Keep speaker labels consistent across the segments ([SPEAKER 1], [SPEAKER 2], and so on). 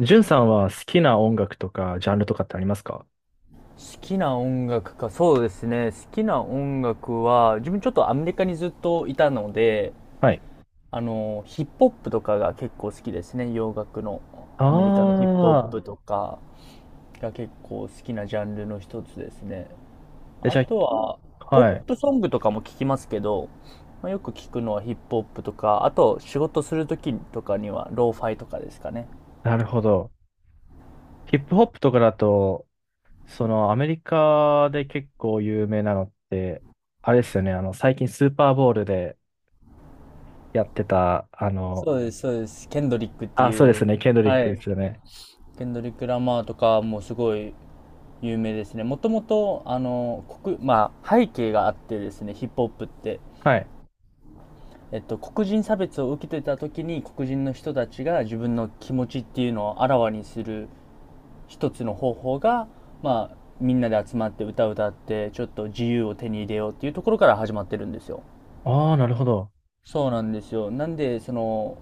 [SPEAKER 1] ジュンさんは好きな音楽とかジャンルとかってありますか？
[SPEAKER 2] 好きな音楽か、そうですね。好きな音楽は、自分ちょっとアメリカにずっといたので、
[SPEAKER 1] はい。
[SPEAKER 2] ヒップホップとかが結構好きですね。洋楽の。アメリカのヒップホッ
[SPEAKER 1] あ
[SPEAKER 2] プ
[SPEAKER 1] あ。
[SPEAKER 2] とかが結構好きなジャンルの一つですね。
[SPEAKER 1] え、
[SPEAKER 2] あ
[SPEAKER 1] じゃ
[SPEAKER 2] とは、
[SPEAKER 1] あ、
[SPEAKER 2] ポッ
[SPEAKER 1] はい。
[SPEAKER 2] プソングとかも聞きますけど、まあ、よく聞くのはヒップホップとか、あと仕事するときとかにはローファイとかですかね。
[SPEAKER 1] なるほど。ヒップホップとかだと、そのアメリカで結構有名なのって、あれですよね、あの、最近スーパーボールでやってた、あの、
[SPEAKER 2] そうです、そうです。ケンドリックって
[SPEAKER 1] あ、そうで
[SPEAKER 2] い
[SPEAKER 1] す
[SPEAKER 2] う、
[SPEAKER 1] ね、ケンドリッ
[SPEAKER 2] は
[SPEAKER 1] ク
[SPEAKER 2] い。
[SPEAKER 1] ですよね。
[SPEAKER 2] ケンドリック・ラマーとかもすごい有名ですね。もともとあの国、まあ、背景があってですね、ヒップホップって、
[SPEAKER 1] はい。
[SPEAKER 2] 黒人差別を受けてた時に、黒人の人たちが自分の気持ちっていうのをあらわにする一つの方法が、まあ、みんなで集まって歌を歌ってちょっと自由を手に入れようっていうところから始まってるんですよ。
[SPEAKER 1] ああ、なるほど。
[SPEAKER 2] そうなんですよ。なんで、その、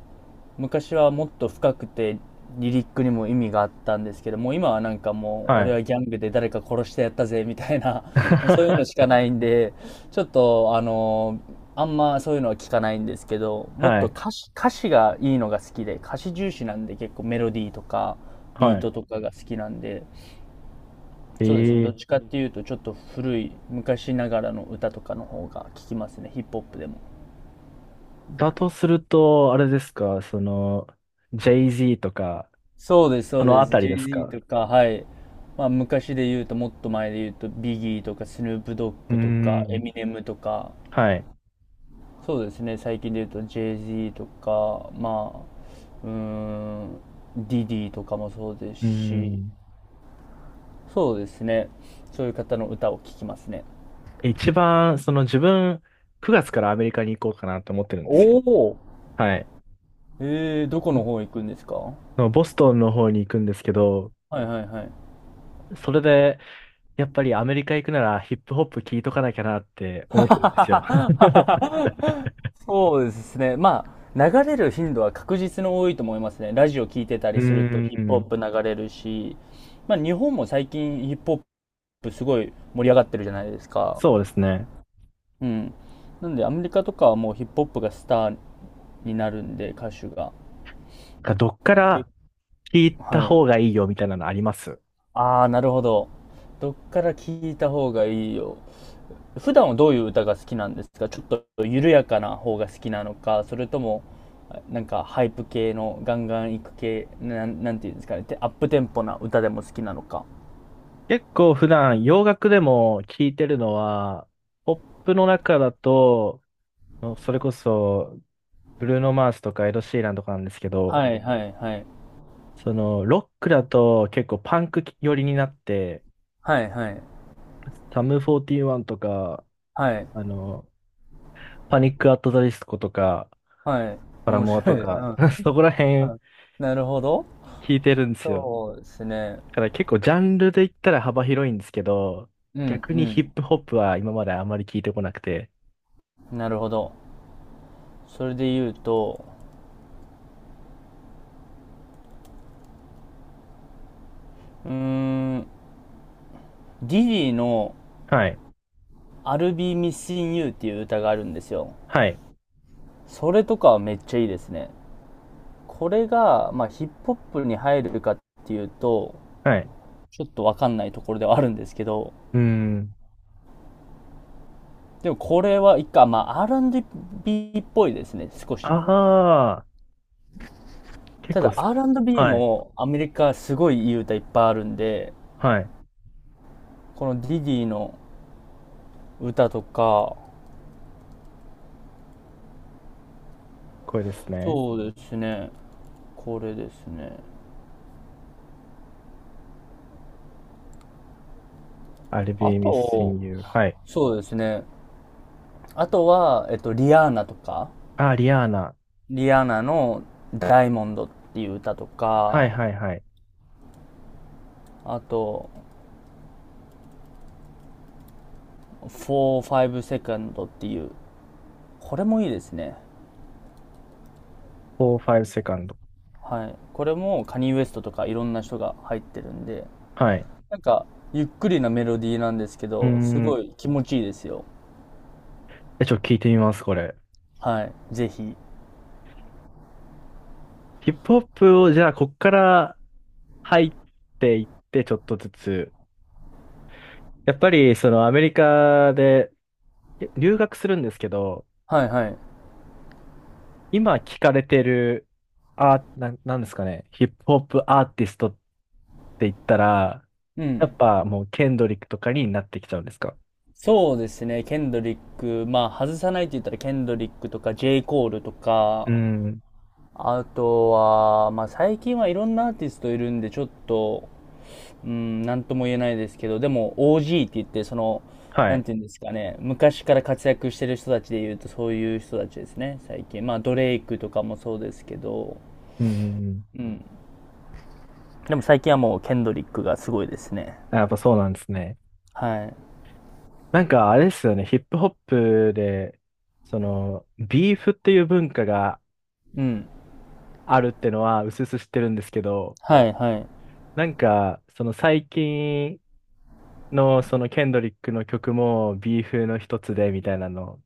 [SPEAKER 2] 昔はもっと深くて、リリックにも意味があったんですけども、今はなんかもう、
[SPEAKER 1] は
[SPEAKER 2] 俺
[SPEAKER 1] い。
[SPEAKER 2] はギャングで誰か殺してやったぜ、みたいな もうそういうのしか ないんで、ちょっと、あんまそういうのは聞かないんですけど、もっ
[SPEAKER 1] は
[SPEAKER 2] と
[SPEAKER 1] い。
[SPEAKER 2] 歌詞、歌詞がいいのが好きで、歌詞重視なんで、結構メロディーとか、ビー
[SPEAKER 1] はい。
[SPEAKER 2] トとかが好きなんで、そうですね、どっ
[SPEAKER 1] え
[SPEAKER 2] ち
[SPEAKER 1] え。
[SPEAKER 2] かっていうと、ちょっと古い、昔ながらの歌とかの方が聞きますね、ヒップホップでも。
[SPEAKER 1] だとすると、あれですか、その、j z とか、
[SPEAKER 2] そうです、そ
[SPEAKER 1] そ
[SPEAKER 2] う
[SPEAKER 1] の
[SPEAKER 2] で
[SPEAKER 1] あ
[SPEAKER 2] す。
[SPEAKER 1] たり
[SPEAKER 2] j
[SPEAKER 1] です
[SPEAKER 2] z
[SPEAKER 1] か？
[SPEAKER 2] とか、はい。まあ、昔で言うと、もっと前で言うと、ビギーとか、スヌープドッ
[SPEAKER 1] うー
[SPEAKER 2] グとか、エ
[SPEAKER 1] ん。
[SPEAKER 2] ミネムとか、
[SPEAKER 1] はい。
[SPEAKER 2] そうですね、最近で言うと、j z とか、まあ、うーん、ディディとかもそうです
[SPEAKER 1] うー
[SPEAKER 2] し、
[SPEAKER 1] ん。
[SPEAKER 2] そうですね、そういう方の歌を聴きますね。
[SPEAKER 1] 一番、その自分、9月からアメリカに行こうかなと思ってるんですよ。
[SPEAKER 2] おお、
[SPEAKER 1] はい。
[SPEAKER 2] えー、どこの方行くんですか？は
[SPEAKER 1] のボストンの方に行くんですけど、
[SPEAKER 2] いはいはい。
[SPEAKER 1] それで、やっぱりアメリカ行くならヒップホップ聞いとかなきゃなって思ってるんですよ。
[SPEAKER 2] そうですね。まあ、流れる頻度は確実に多いと思いますね。ラジオ聞いてた
[SPEAKER 1] う
[SPEAKER 2] りすると
[SPEAKER 1] ー
[SPEAKER 2] ヒップホッ
[SPEAKER 1] ん。
[SPEAKER 2] プ流れるし、まあ日本も最近ヒップホップすごい盛り上がってるじゃないですか。
[SPEAKER 1] そうですね。
[SPEAKER 2] うん。なんでアメリカとかはもうヒップホップがスターになるんで、歌手が。
[SPEAKER 1] どっか
[SPEAKER 2] け、
[SPEAKER 1] ら聞いた
[SPEAKER 2] はい。
[SPEAKER 1] 方がいいよみたいなのあります？
[SPEAKER 2] ああ、なるほど。どっから聞いた方がいいよ。普段はどういう歌が好きなんですか？ちょっと緩やかな方が好きなのか、それとも、なんかハイプ系のガンガンいく系、なん、なんていうんですかね、てアップテンポな歌でも好きなのか。
[SPEAKER 1] 結構普段洋楽でも聞いてるのは、ポップの中だと、のそれこそ、ブルーノ・マースとかエド・シーランとかなんですけど、
[SPEAKER 2] はいはいはい。
[SPEAKER 1] その、ロックだと結構パンク寄りになって、
[SPEAKER 2] はいはい
[SPEAKER 1] サム41とか、
[SPEAKER 2] はい。
[SPEAKER 1] あの、パニック・アット・ザ・ディスコとか、
[SPEAKER 2] はい。
[SPEAKER 1] パラ
[SPEAKER 2] 面
[SPEAKER 1] モア
[SPEAKER 2] 白
[SPEAKER 1] と
[SPEAKER 2] い。う
[SPEAKER 1] か、
[SPEAKER 2] ん。
[SPEAKER 1] そこら辺
[SPEAKER 2] うん、なるほど。
[SPEAKER 1] 聞いてるんですよ。
[SPEAKER 2] そうですね。
[SPEAKER 1] だから結構ジャンルで言ったら幅広いんですけど、
[SPEAKER 2] う
[SPEAKER 1] 逆にヒ
[SPEAKER 2] ん、
[SPEAKER 1] ップホップは今まであまり聞いてこなくて。
[SPEAKER 2] うん。なるほど。それで言うと、うーん、ディディの
[SPEAKER 1] はい。
[SPEAKER 2] I'll be missing you っていう歌があるんですよ。
[SPEAKER 1] はい。
[SPEAKER 2] それとかはめっちゃいいですね。これが、まあ、ヒップホップに入るかっていうと、
[SPEAKER 1] はい。
[SPEAKER 2] ちょっとわかんないところではあるんですけど、
[SPEAKER 1] うーん。
[SPEAKER 2] でもこれは一回、まあ、R&B っぽいですね、少し。
[SPEAKER 1] ああ、結
[SPEAKER 2] た
[SPEAKER 1] 構
[SPEAKER 2] だ
[SPEAKER 1] す、
[SPEAKER 2] R&B
[SPEAKER 1] はい。
[SPEAKER 2] もアメリカすごいいい歌いっぱいあるんで、
[SPEAKER 1] はい。
[SPEAKER 2] このディディの歌とか、
[SPEAKER 1] これですね。
[SPEAKER 2] そうですね、これですね。
[SPEAKER 1] I'll
[SPEAKER 2] あ
[SPEAKER 1] be
[SPEAKER 2] と、
[SPEAKER 1] missing you. はい。
[SPEAKER 2] そうですね、あとは、リアーナとか、
[SPEAKER 1] あ、リアーナ。
[SPEAKER 2] リアーナのダイモンドっていう歌と
[SPEAKER 1] は
[SPEAKER 2] か、
[SPEAKER 1] いはいはい。
[SPEAKER 2] あと、45セカンドっていう、これもいいですね。
[SPEAKER 1] 4、5セカンド。
[SPEAKER 2] はい、これもカニウエストとかいろんな人が入ってるんで、
[SPEAKER 1] はい。
[SPEAKER 2] なんかゆっくりなメロディーなんですけ
[SPEAKER 1] うー
[SPEAKER 2] ど、すご
[SPEAKER 1] ん。
[SPEAKER 2] い気持ちいいですよ。
[SPEAKER 1] え、ちょっと聞いてみます、これ。
[SPEAKER 2] はい、ぜひ。
[SPEAKER 1] ヒップホップを、じゃあ、こっから入っていって、ちょっとずつ。やっぱり、その、アメリカで留学するんですけど、
[SPEAKER 2] はいはい。
[SPEAKER 1] 今聞かれてる、あ、んですかね。ヒップホップアーティストって言ったら、
[SPEAKER 2] う
[SPEAKER 1] や
[SPEAKER 2] ん。
[SPEAKER 1] っぱもう、ケンドリックとかになってきちゃうんですか？
[SPEAKER 2] そうですね、ケンドリック、まあ外さないって言ったらケンドリックとか J. コールと
[SPEAKER 1] うー
[SPEAKER 2] か。
[SPEAKER 1] ん。
[SPEAKER 2] あとはまあ最近はいろんなアーティストいるんでちょっと、うん、なんとも言えないですけど、でも OG って言って、その、
[SPEAKER 1] は
[SPEAKER 2] なん
[SPEAKER 1] い。
[SPEAKER 2] ていうんですかね、昔から活躍してる人たちで言うと、そういう人たちですね、最近。まあ、ドレイクとかもそうですけど、
[SPEAKER 1] うんうんうん。
[SPEAKER 2] うん。でも最近はもう、ケンドリックがすごいですね。
[SPEAKER 1] あ、やっぱそうなんですね。
[SPEAKER 2] はい。
[SPEAKER 1] なんかあれですよね、ヒップホップで、その、ビーフっていう文化が
[SPEAKER 2] うん。
[SPEAKER 1] あるってのは、うすうす知ってるんですけど、
[SPEAKER 2] はい、はい。
[SPEAKER 1] なんか、その最近の、そのケンドリックの曲も、ビーフの一つで、みたいなの。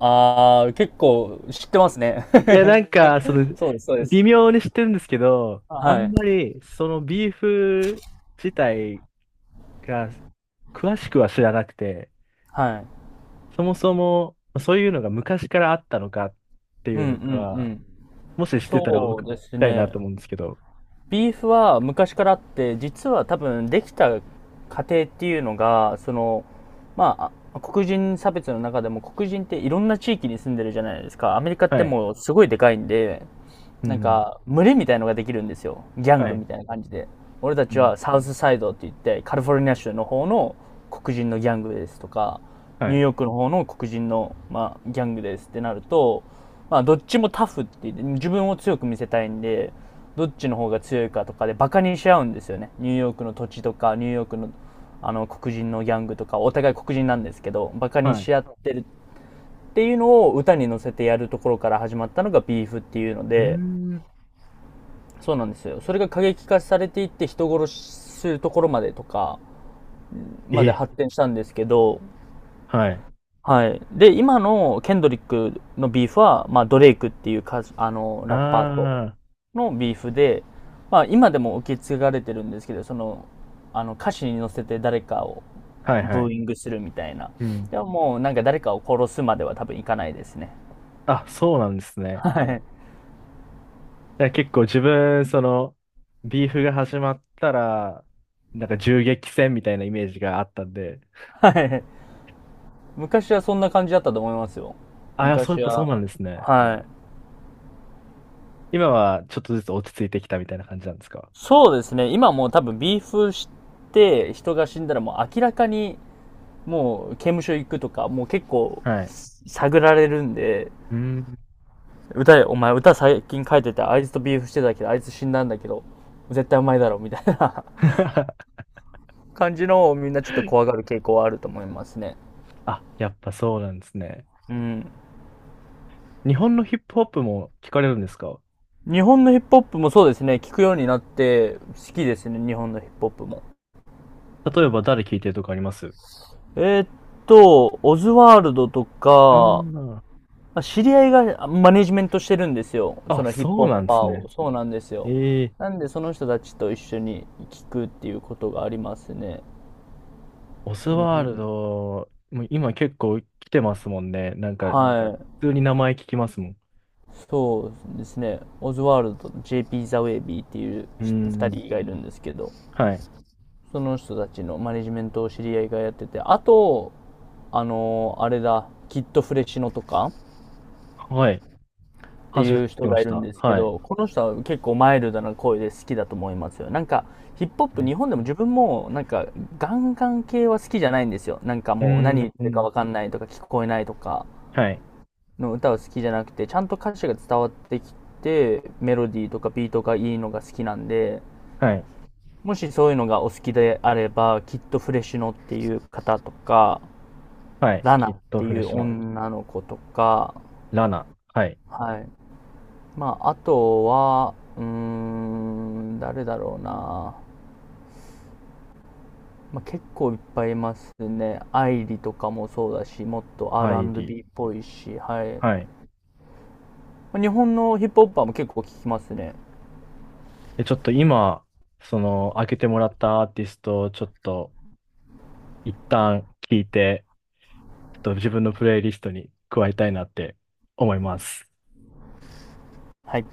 [SPEAKER 2] あー、結構知ってますね。
[SPEAKER 1] いや、なんか、その、
[SPEAKER 2] そうです、そうで
[SPEAKER 1] 微
[SPEAKER 2] す。
[SPEAKER 1] 妙に知ってるんですけど、あ
[SPEAKER 2] は
[SPEAKER 1] んま
[SPEAKER 2] い。
[SPEAKER 1] り、そのビーフ自体が、詳しくは知らなくて、
[SPEAKER 2] はい。
[SPEAKER 1] そもそも、そういうのが昔からあったのかって
[SPEAKER 2] う
[SPEAKER 1] いう
[SPEAKER 2] ん、う
[SPEAKER 1] の
[SPEAKER 2] ん、う
[SPEAKER 1] が、
[SPEAKER 2] ん。
[SPEAKER 1] もししてたら
[SPEAKER 2] そ
[SPEAKER 1] 僕
[SPEAKER 2] う
[SPEAKER 1] 聞き
[SPEAKER 2] です
[SPEAKER 1] たいな
[SPEAKER 2] ね。
[SPEAKER 1] と思うんですけど。
[SPEAKER 2] ビーフは昔からあって、実は多分できた過程っていうのが、その、まあ、あ、黒人差別の中でも黒人っていろんな地域に住んでるじゃないですか。アメリカって
[SPEAKER 1] はい。
[SPEAKER 2] もうすごいでかいんで、
[SPEAKER 1] う
[SPEAKER 2] なん
[SPEAKER 1] ん。
[SPEAKER 2] か、群れみたいのができるんですよ。ギャン
[SPEAKER 1] は
[SPEAKER 2] グ
[SPEAKER 1] い。
[SPEAKER 2] みたいな感じで。俺た
[SPEAKER 1] う
[SPEAKER 2] ち
[SPEAKER 1] ん。
[SPEAKER 2] はサウスサイドって言って、カリフォルニア州の方の黒人のギャングですとか、
[SPEAKER 1] は
[SPEAKER 2] ニュー
[SPEAKER 1] い。
[SPEAKER 2] ヨークの方の黒人の、まあ、ギャングですってなると、まあ、どっちもタフって言って、自分を強く見せたいんで、どっちの方が強いかとかでバカにし合うんですよね。ニューヨークの土地とか、ニューヨークの、黒人のギャングとか、お互い黒人なんですけど、バカに
[SPEAKER 1] はい。
[SPEAKER 2] し合ってるっていうのを歌に乗せてやるところから始まったのがビーフっていうの
[SPEAKER 1] うー
[SPEAKER 2] で、
[SPEAKER 1] ん。
[SPEAKER 2] そうなんですよ。それが過激化されていって、人殺しするところまでとか、まで
[SPEAKER 1] え、
[SPEAKER 2] 発展したんですけど、
[SPEAKER 1] はい。
[SPEAKER 2] はい。で、今のケンドリックのビーフは、まあ、ドレイクっていう歌、ラッパーと
[SPEAKER 1] あ
[SPEAKER 2] のビーフで、まあ、今でも受け継がれてるんですけど、その、歌詞に乗せて誰かを
[SPEAKER 1] あ、はいは
[SPEAKER 2] ブー
[SPEAKER 1] い。
[SPEAKER 2] イングするみたいな。
[SPEAKER 1] うん。
[SPEAKER 2] でももうなんか誰かを殺すまでは多分いかないですね。
[SPEAKER 1] あ、そうなんですね。
[SPEAKER 2] はい。
[SPEAKER 1] だから結構自分、その、ビーフが始まったら、なんか銃撃戦みたいなイメージがあったんで。
[SPEAKER 2] はい。昔はそんな感じだったと思いますよ。
[SPEAKER 1] ああ、そう、やっ
[SPEAKER 2] 昔
[SPEAKER 1] ぱそう
[SPEAKER 2] は、
[SPEAKER 1] なんですね。
[SPEAKER 2] はい。
[SPEAKER 1] 今はちょっとずつ落ち着いてきたみたいな感じなんですか？
[SPEAKER 2] そうですね。今もう多分ビーフして人が死んだら、もう明らかにもう刑務所行くとか、もう結構
[SPEAKER 1] はい。
[SPEAKER 2] 探られるんで、
[SPEAKER 1] うーん。
[SPEAKER 2] 歌、お前歌最近書いててあいつとビーフしてたけどあいつ死んだんだけど、絶対うまいだろみたいな、 感じのをみんなちょっと怖がる傾向はあると思いますね。
[SPEAKER 1] あ、やっぱそうなんですね。
[SPEAKER 2] うん。
[SPEAKER 1] 日本のヒップホップも聞かれるんですか？
[SPEAKER 2] 日本のヒップホップも、そうですね、聞くようになって好きですね。日本のヒップホップも。
[SPEAKER 1] 例えば誰聞いてるとかあります？
[SPEAKER 2] えーっオズワールドとか、
[SPEAKER 1] あ
[SPEAKER 2] まあ知り合いがマネジメントしてるんですよ。
[SPEAKER 1] あ、
[SPEAKER 2] そ
[SPEAKER 1] あ、
[SPEAKER 2] のヒップホ
[SPEAKER 1] そう
[SPEAKER 2] ッ
[SPEAKER 1] なんです
[SPEAKER 2] パーを。
[SPEAKER 1] ね。
[SPEAKER 2] そうなんですよ。
[SPEAKER 1] ええ。
[SPEAKER 2] なんで、その人たちと一緒に聞くっていうことがありますね。
[SPEAKER 1] オズ
[SPEAKER 2] オ
[SPEAKER 1] ワル
[SPEAKER 2] ズ、
[SPEAKER 1] ド、もう今結構来てますもんね。なんか、
[SPEAKER 2] はい。
[SPEAKER 1] 普通に名前聞きますもん。
[SPEAKER 2] そうですね。オズワルドと JP ザ・ウェイビーっていう
[SPEAKER 1] う
[SPEAKER 2] 2
[SPEAKER 1] ん。
[SPEAKER 2] 人がいるんですけど、
[SPEAKER 1] はい。
[SPEAKER 2] その人たちのマネジメントを知り合いがやってて、あと、あれだ、キッドフレシノとか、
[SPEAKER 1] はい。
[SPEAKER 2] って
[SPEAKER 1] 初め
[SPEAKER 2] いう
[SPEAKER 1] て聞き
[SPEAKER 2] 人
[SPEAKER 1] ま
[SPEAKER 2] がい
[SPEAKER 1] し
[SPEAKER 2] るん
[SPEAKER 1] た。
[SPEAKER 2] ですけ
[SPEAKER 1] はい。
[SPEAKER 2] ど、この人は結構マイルドな声で好きだと思いますよ。なんか、ヒップホップ、日本でも自分も、なんか、ガンガン系は好きじゃないんですよ。なんか
[SPEAKER 1] う
[SPEAKER 2] もう、
[SPEAKER 1] ん。
[SPEAKER 2] 何言って
[SPEAKER 1] う
[SPEAKER 2] るか
[SPEAKER 1] ん。
[SPEAKER 2] わかんないとか、聞こえないとか
[SPEAKER 1] はい。
[SPEAKER 2] の歌は好きじゃなくて、ちゃんと歌詞が伝わってきて、メロディーとかビートがいいのが好きなんで、
[SPEAKER 1] はい。
[SPEAKER 2] もしそういうのがお好きであれば、きっとフレシノっていう方とか、
[SPEAKER 1] はい。
[SPEAKER 2] ラナ
[SPEAKER 1] き
[SPEAKER 2] っ
[SPEAKER 1] っと
[SPEAKER 2] て
[SPEAKER 1] フレ
[SPEAKER 2] い
[SPEAKER 1] ッ
[SPEAKER 2] う
[SPEAKER 1] シュの。
[SPEAKER 2] 女の子とか、
[SPEAKER 1] ラナ。はい。
[SPEAKER 2] はい。まあ、あとは、うーん、誰だろうな。まあ、結構いっぱいいますね。アイリとかもそうだし、もっと
[SPEAKER 1] アイディ。
[SPEAKER 2] R&B っぽいし、はい。
[SPEAKER 1] はい。
[SPEAKER 2] まあ日本のヒップホッパーも結構聞きますね。
[SPEAKER 1] で、ちょっと今、その、開けてもらったアーティストをちょっと、一旦聞いて、ちょっと自分のプレイリストに加えたいなって思います。
[SPEAKER 2] はい。